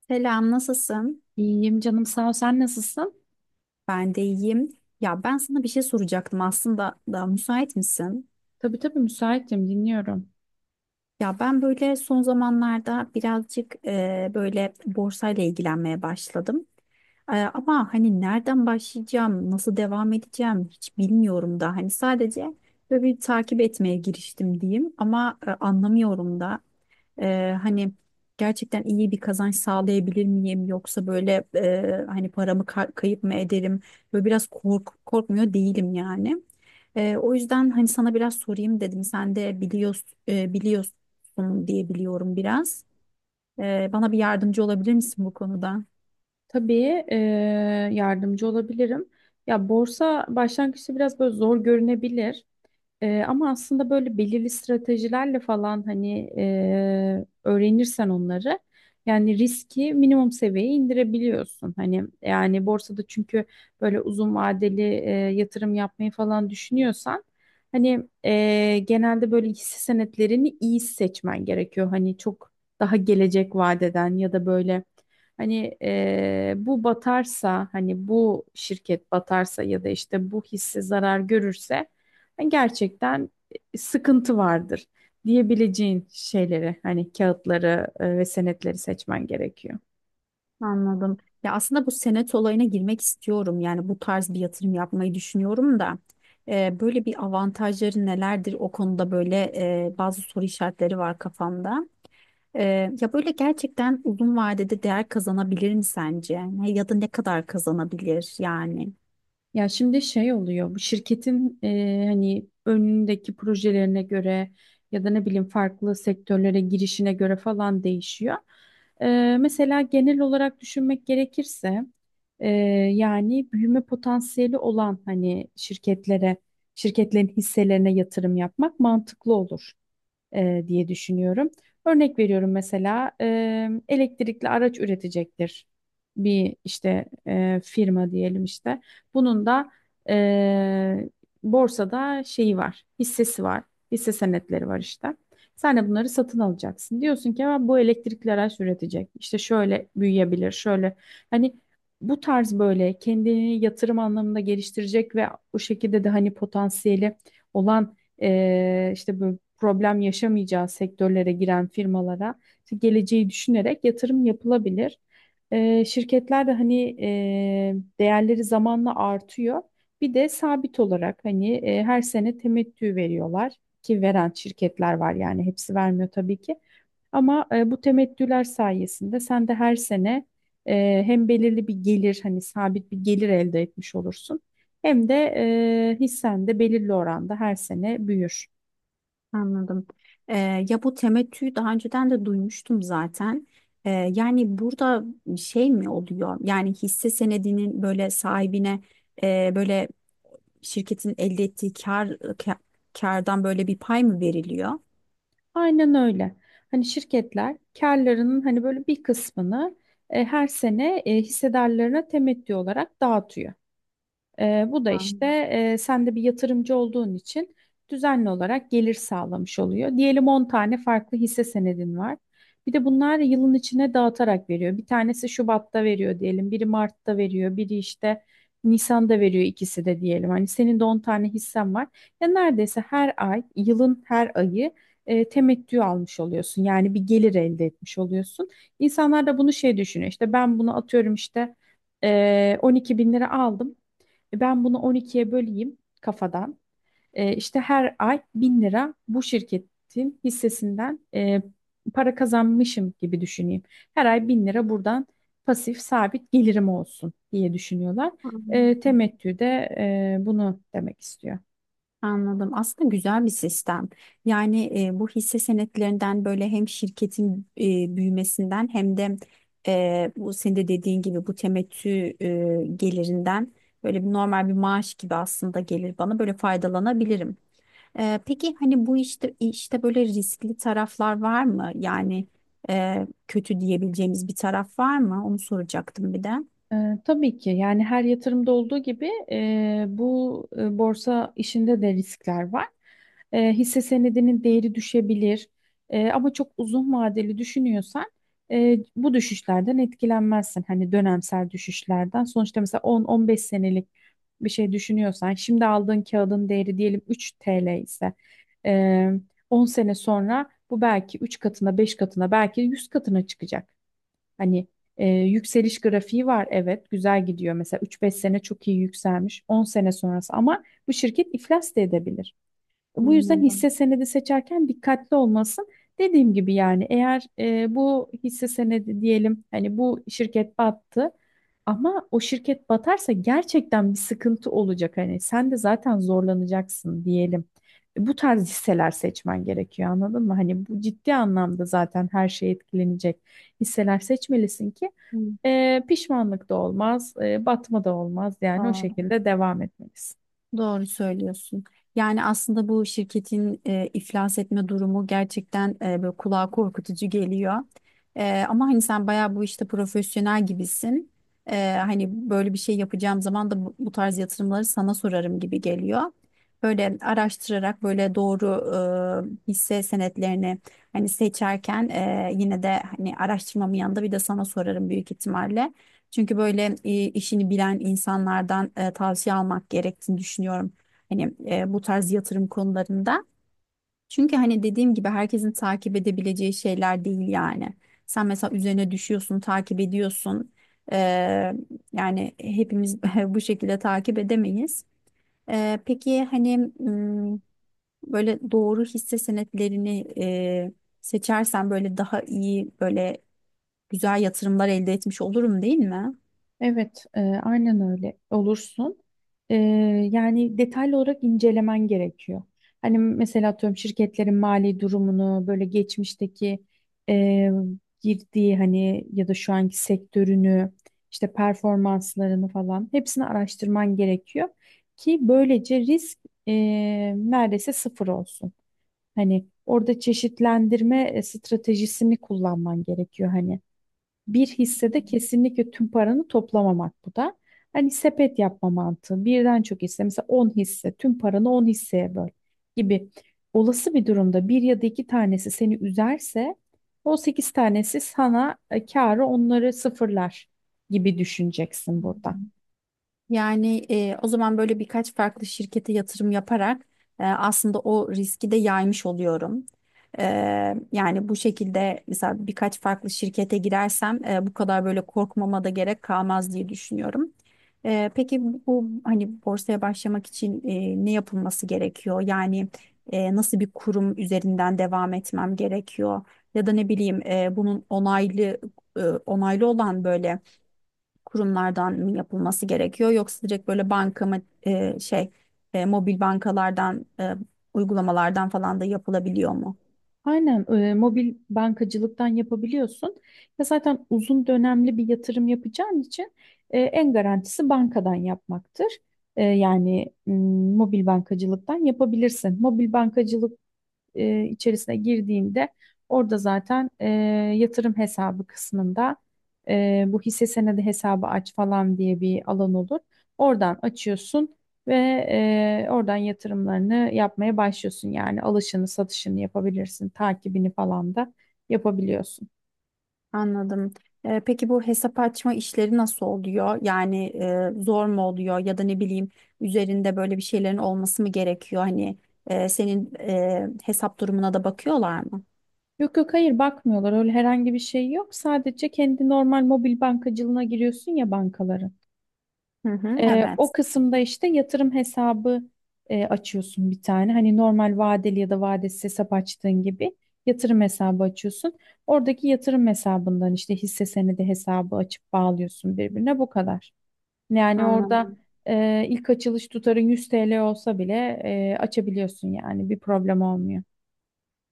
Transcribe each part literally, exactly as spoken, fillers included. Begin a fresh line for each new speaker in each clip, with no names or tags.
Selam, nasılsın?
İyiyim canım sağ ol. Sen nasılsın?
Ben de iyiyim. Ya ben sana bir şey soracaktım aslında da müsait misin?
Tabii tabii müsaitim dinliyorum.
Ya ben böyle son zamanlarda birazcık e, böyle borsayla ilgilenmeye başladım. E, ama hani nereden başlayacağım, nasıl devam edeceğim hiç bilmiyorum da. Hani sadece böyle bir takip etmeye giriştim diyeyim ama e, anlamıyorum da. Ee, hani gerçekten iyi bir kazanç sağlayabilir miyim yoksa böyle e, hani paramı ka- kayıp mı ederim? Böyle biraz kork korkmuyor değilim yani. Ee, o yüzden hani sana biraz sorayım dedim. Sen de biliyorsun, biliyorsun diye biliyorum biraz. Ee, bana bir yardımcı olabilir misin bu konuda?
Tabii e, yardımcı olabilirim. Ya borsa başlangıçta biraz böyle zor görünebilir. Ee, ama aslında böyle belirli stratejilerle falan hani e, öğrenirsen onları yani riski minimum seviyeye indirebiliyorsun. Hani yani borsada çünkü böyle uzun vadeli e, yatırım yapmayı falan düşünüyorsan hani e, genelde böyle hisse senetlerini iyi seçmen gerekiyor. Hani çok daha gelecek vadeden ya da böyle hani e, bu batarsa hani bu şirket batarsa ya da işte bu hisse zarar görürse hani gerçekten e, sıkıntı vardır diyebileceğin şeyleri hani kağıtları e, ve senetleri seçmen gerekiyor.
Anladım. Ya aslında bu senet olayına girmek istiyorum. Yani bu tarz bir yatırım yapmayı düşünüyorum da. E, böyle bir avantajları nelerdir? O konuda böyle e, bazı soru işaretleri var kafamda. Ee, ya böyle gerçekten uzun vadede değer kazanabilir mi sence? Ne- Ya da ne kadar kazanabilir yani?
Ya şimdi şey oluyor bu şirketin e, hani önündeki projelerine göre ya da ne bileyim farklı sektörlere girişine göre falan değişiyor. E, mesela genel olarak düşünmek gerekirse e, yani büyüme potansiyeli olan hani şirketlere şirketlerin hisselerine yatırım yapmak mantıklı olur e, diye düşünüyorum. Örnek veriyorum mesela e, elektrikli araç üretecektir bir işte e, firma diyelim işte. Bunun da e, borsada şeyi var, hissesi var, hisse senetleri var işte. Sen de bunları satın alacaksın. Diyorsun ki "Aa, bu elektrikli araç üretecek. İşte şöyle büyüyebilir, şöyle. Hani bu tarz böyle kendini yatırım anlamında geliştirecek ve o şekilde de hani potansiyeli olan e, işte böyle problem yaşamayacağı sektörlere giren firmalara işte geleceği düşünerek yatırım yapılabilir. E, şirketler de hani e, değerleri zamanla artıyor. Bir de sabit olarak hani e, her sene temettü veriyorlar ki veren şirketler var yani hepsi vermiyor tabii ki. Ama e, bu temettüler sayesinde sen de her sene e, hem belirli bir gelir hani sabit bir gelir elde etmiş olursun hem de e, hissen de belirli oranda her sene büyür.
Anladım. Ee, Ya bu temettüyü daha önceden de duymuştum zaten. Ee, Yani burada şey mi oluyor? Yani hisse senedinin böyle sahibine e, böyle şirketin elde ettiği kar, ka- kardan böyle bir pay mı veriliyor?
Aynen öyle. Hani şirketler karlarının hani böyle bir kısmını e, her sene e, hissedarlarına temettü olarak dağıtıyor. Ee, bu da
Ha.
işte e, sen de bir yatırımcı olduğun için düzenli olarak gelir sağlamış oluyor. Diyelim on tane farklı hisse senedin var. Bir de bunlar yılın içine dağıtarak veriyor. Bir tanesi Şubat'ta veriyor diyelim, biri Mart'ta veriyor, biri işte Nisan'da veriyor ikisi de diyelim. Hani senin de on tane hissen var. Ya neredeyse her ay, yılın her ayı e, temettü almış oluyorsun. Yani bir gelir elde etmiş oluyorsun. İnsanlar da bunu şey düşünüyor. İşte ben bunu atıyorum işte e, on iki bin lira aldım. E, Ben bunu on ikiye böleyim kafadan. E, işte her ay bin lira bu şirketin hissesinden e, para kazanmışım gibi düşüneyim. Her ay bin lira buradan pasif sabit gelirim olsun diye düşünüyorlar. E,
Anladım.
temettü de e, bunu demek istiyor.
Anladım. Aslında güzel bir sistem. Yani e, bu hisse senetlerinden böyle hem şirketin e, büyümesinden hem de e, bu senin de dediğin gibi bu temettü e, gelirinden böyle bir normal bir maaş gibi aslında gelir bana böyle faydalanabilirim. E, peki hani bu işte işte böyle riskli taraflar var mı? Yani e, kötü diyebileceğimiz bir taraf var mı? Onu soracaktım bir de.
Ee, tabii ki yani her yatırımda olduğu gibi e, bu e, borsa işinde de riskler var. E, hisse senedinin değeri düşebilir. E, ama çok uzun vadeli düşünüyorsan e, bu düşüşlerden etkilenmezsin. Hani dönemsel düşüşlerden sonuçta mesela on on beş senelik bir şey düşünüyorsan şimdi aldığın kağıdın değeri diyelim üç T L ise e, on sene sonra bu belki üç katına beş katına belki yüz katına çıkacak. Hani e, yükseliş grafiği var, evet, güzel gidiyor. Mesela üç beş sene çok iyi yükselmiş on sene sonrası, ama bu şirket iflas da edebilir. Bu yüzden hisse
Anladım.
senedi seçerken dikkatli olmasın. Dediğim gibi, yani eğer e, bu hisse senedi diyelim hani bu şirket battı ama o şirket batarsa gerçekten bir sıkıntı olacak. Hani sen de zaten zorlanacaksın diyelim. Bu tarz hisseler seçmen gerekiyor, anladın mı? Hani bu ciddi anlamda zaten her şey etkilenecek hisseler seçmelisin ki
Hı.
e, pişmanlık da olmaz, e, batma da olmaz, yani o
Doğru.
şekilde devam etmelisin.
Doğru söylüyorsun. Yani aslında bu şirketin e, iflas etme durumu gerçekten e, böyle kulağa korkutucu geliyor. E, ama hani sen bayağı bu işte profesyonel gibisin. E, hani böyle bir şey yapacağım zaman da bu, bu tarz yatırımları sana sorarım gibi geliyor. Böyle araştırarak böyle doğru e, hisse senetlerini hani seçerken e, yine de hani araştırmamın yanında bir de sana sorarım büyük ihtimalle. Çünkü böyle e, işini bilen insanlardan e, tavsiye almak gerektiğini düşünüyorum. Hani e, bu tarz yatırım konularında. Çünkü hani dediğim gibi herkesin takip edebileceği şeyler değil yani. Sen mesela üzerine düşüyorsun, takip ediyorsun. E, yani hepimiz bu şekilde takip edemeyiz. E, peki hani m, böyle doğru hisse senetlerini e, seçersen böyle daha iyi böyle güzel yatırımlar elde etmiş olurum değil mi?
Evet, e, aynen öyle olursun. E, yani detaylı olarak incelemen gerekiyor. Hani mesela atıyorum şirketlerin mali durumunu, böyle geçmişteki e, girdiği hani ya da şu anki sektörünü, işte performanslarını falan hepsini araştırman gerekiyor ki böylece risk e, neredeyse sıfır olsun. Hani orada çeşitlendirme e, stratejisini kullanman gerekiyor hani. Bir hissede kesinlikle tüm paranı toplamamak bu da. Hani sepet yapma mantığı. Birden çok hisse, mesela on hisse, tüm paranı on hisseye böl gibi. Olası bir durumda bir ya da iki tanesi seni üzerse o sekiz tanesi sana e, kârı onları sıfırlar gibi düşüneceksin burada.
Yani e, o zaman böyle birkaç farklı şirkete yatırım yaparak e, aslında o riski de yaymış oluyorum. E, yani bu şekilde mesela birkaç farklı şirkete girersem e, bu kadar böyle korkmama da gerek kalmaz diye düşünüyorum. E, peki bu hani borsaya başlamak için e, ne yapılması gerekiyor? Yani e, nasıl bir kurum üzerinden devam etmem gerekiyor? Ya da ne bileyim e, bunun onaylı e, onaylı olan böyle kurumlardan mı yapılması gerekiyor yoksa direkt böyle banka mı e, şey e, mobil bankalardan e, uygulamalardan falan da yapılabiliyor mu?
Aynen, e, mobil bankacılıktan yapabiliyorsun. Ya zaten uzun dönemli bir yatırım yapacağın için e, en garantisi bankadan yapmaktır. E, yani m, mobil bankacılıktan yapabilirsin. Mobil bankacılık e, içerisine girdiğinde orada zaten e, yatırım hesabı kısmında e, bu hisse senedi hesabı aç falan diye bir alan olur. Oradan açıyorsun ve e, oradan yatırımlarını yapmaya başlıyorsun. Yani alışını, satışını yapabilirsin, takibini falan da yapabiliyorsun.
Anladım. Ee, peki bu hesap açma işleri nasıl oluyor? Yani e, zor mu oluyor ya da ne bileyim üzerinde böyle bir şeylerin olması mı gerekiyor? Hani e, senin e, hesap durumuna da bakıyorlar mı?
Yok yok, hayır, bakmıyorlar, öyle herhangi bir şey yok. Sadece kendi normal mobil bankacılığına giriyorsun ya, bankaların.
Hı hı,
Ee, o
evet.
kısımda işte yatırım hesabı e, açıyorsun bir tane. Hani normal vadeli ya da vadesiz hesap açtığın gibi yatırım hesabı açıyorsun. Oradaki yatırım hesabından işte hisse senedi hesabı açıp bağlıyorsun birbirine, bu kadar. Yani orada
Anladım.
e, ilk açılış tutarı yüz T L olsa bile e, açabiliyorsun, yani bir problem olmuyor.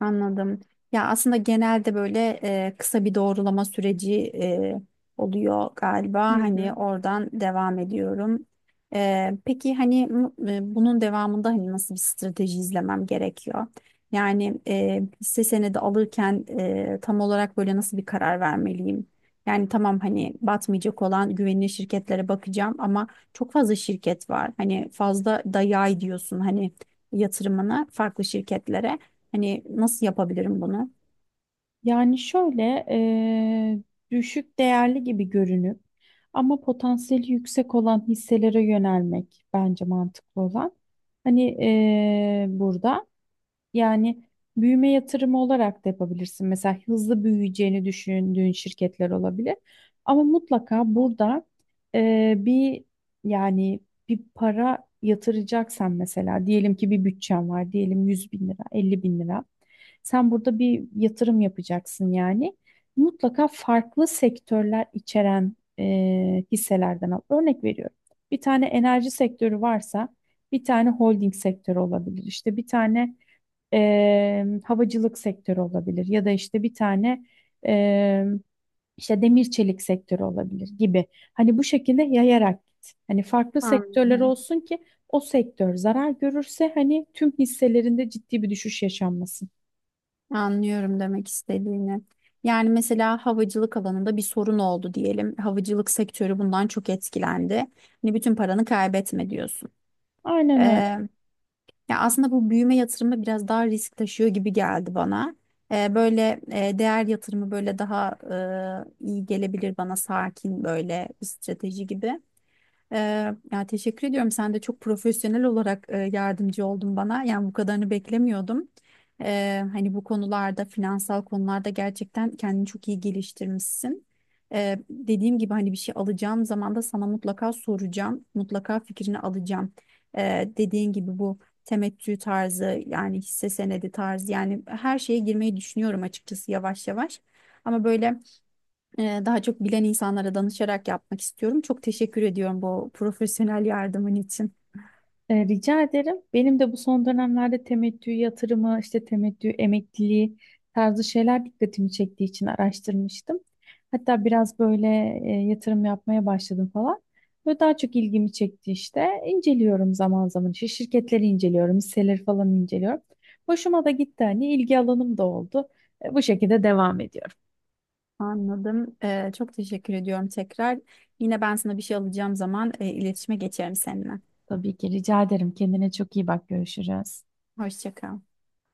Anladım. Ya aslında genelde böyle e, kısa bir doğrulama süreci e, oluyor galiba.
Hı hı.
Hani oradan devam ediyorum. E, peki hani m- e, bunun devamında hani nasıl bir strateji izlemem gerekiyor? Yani e, hisse senedi alırken e, tam olarak böyle nasıl bir karar vermeliyim? Yani tamam hani batmayacak olan güvenilir şirketlere bakacağım ama çok fazla şirket var. Hani fazla da yay diyorsun hani yatırımını farklı şirketlere. Hani nasıl yapabilirim bunu?
Yani şöyle, eee, düşük değerli gibi görünüp ama potansiyeli yüksek olan hisselere yönelmek bence mantıklı olan. Hani eee, burada yani büyüme yatırımı olarak da yapabilirsin. Mesela hızlı büyüyeceğini düşündüğün şirketler olabilir. Ama mutlaka burada eee, bir yani bir para yatıracaksan, mesela diyelim ki bir bütçen var, diyelim yüz bin lira, elli bin lira. Sen burada bir yatırım yapacaksın yani. Mutlaka farklı sektörler içeren e, hisselerden al. Örnek veriyorum. Bir tane enerji sektörü varsa bir tane holding sektörü olabilir. İşte bir tane e, havacılık sektörü olabilir, ya da işte bir tane e, işte demir çelik sektörü olabilir gibi. Hani bu şekilde yayarak git. Hani farklı sektörler
Anladım.
olsun ki o sektör zarar görürse hani tüm hisselerinde ciddi bir düşüş yaşanmasın.
Anlıyorum demek istediğini. Yani mesela havacılık alanında bir sorun oldu diyelim. Havacılık sektörü bundan çok etkilendi. Hani bütün paranı kaybetme diyorsun.
Aynen öyle.
Ee, Ya aslında bu büyüme yatırımı biraz daha risk taşıyor gibi geldi bana. Ee, böyle e, değer yatırımı böyle daha e, iyi gelebilir bana sakin böyle bir strateji gibi. Ee, ya teşekkür ediyorum. Sen de çok profesyonel olarak e, yardımcı oldun bana. Yani bu kadarını beklemiyordum. Ee, hani bu konularda, finansal konularda gerçekten kendini çok iyi geliştirmişsin. Ee, dediğim gibi hani bir şey alacağım zaman da sana mutlaka soracağım. Mutlaka fikrini alacağım. Ee, dediğin gibi bu temettü tarzı yani hisse senedi tarzı yani her şeye girmeyi düşünüyorum açıkçası yavaş yavaş. Ama böyle ee, daha çok bilen insanlara danışarak yapmak istiyorum. Çok teşekkür ediyorum bu profesyonel yardımın için.
Ee, rica ederim. Benim de bu son dönemlerde temettü yatırımı, işte temettü emekliliği tarzı şeyler dikkatimi çektiği için araştırmıştım. Hatta biraz böyle e, yatırım yapmaya başladım falan. Ve daha çok ilgimi çekti işte. İnceliyorum zaman zaman. İşte şirketleri inceliyorum, hisseleri falan inceliyorum. Hoşuma da gitti hani, ilgi alanım da oldu. E, bu şekilde devam ediyorum.
Anladım. Ee, çok teşekkür ediyorum tekrar. Yine ben sana bir şey alacağım zaman e, iletişime geçerim seninle.
Tabii ki, rica ederim. Kendine çok iyi bak. Görüşürüz.
Hoşça kal.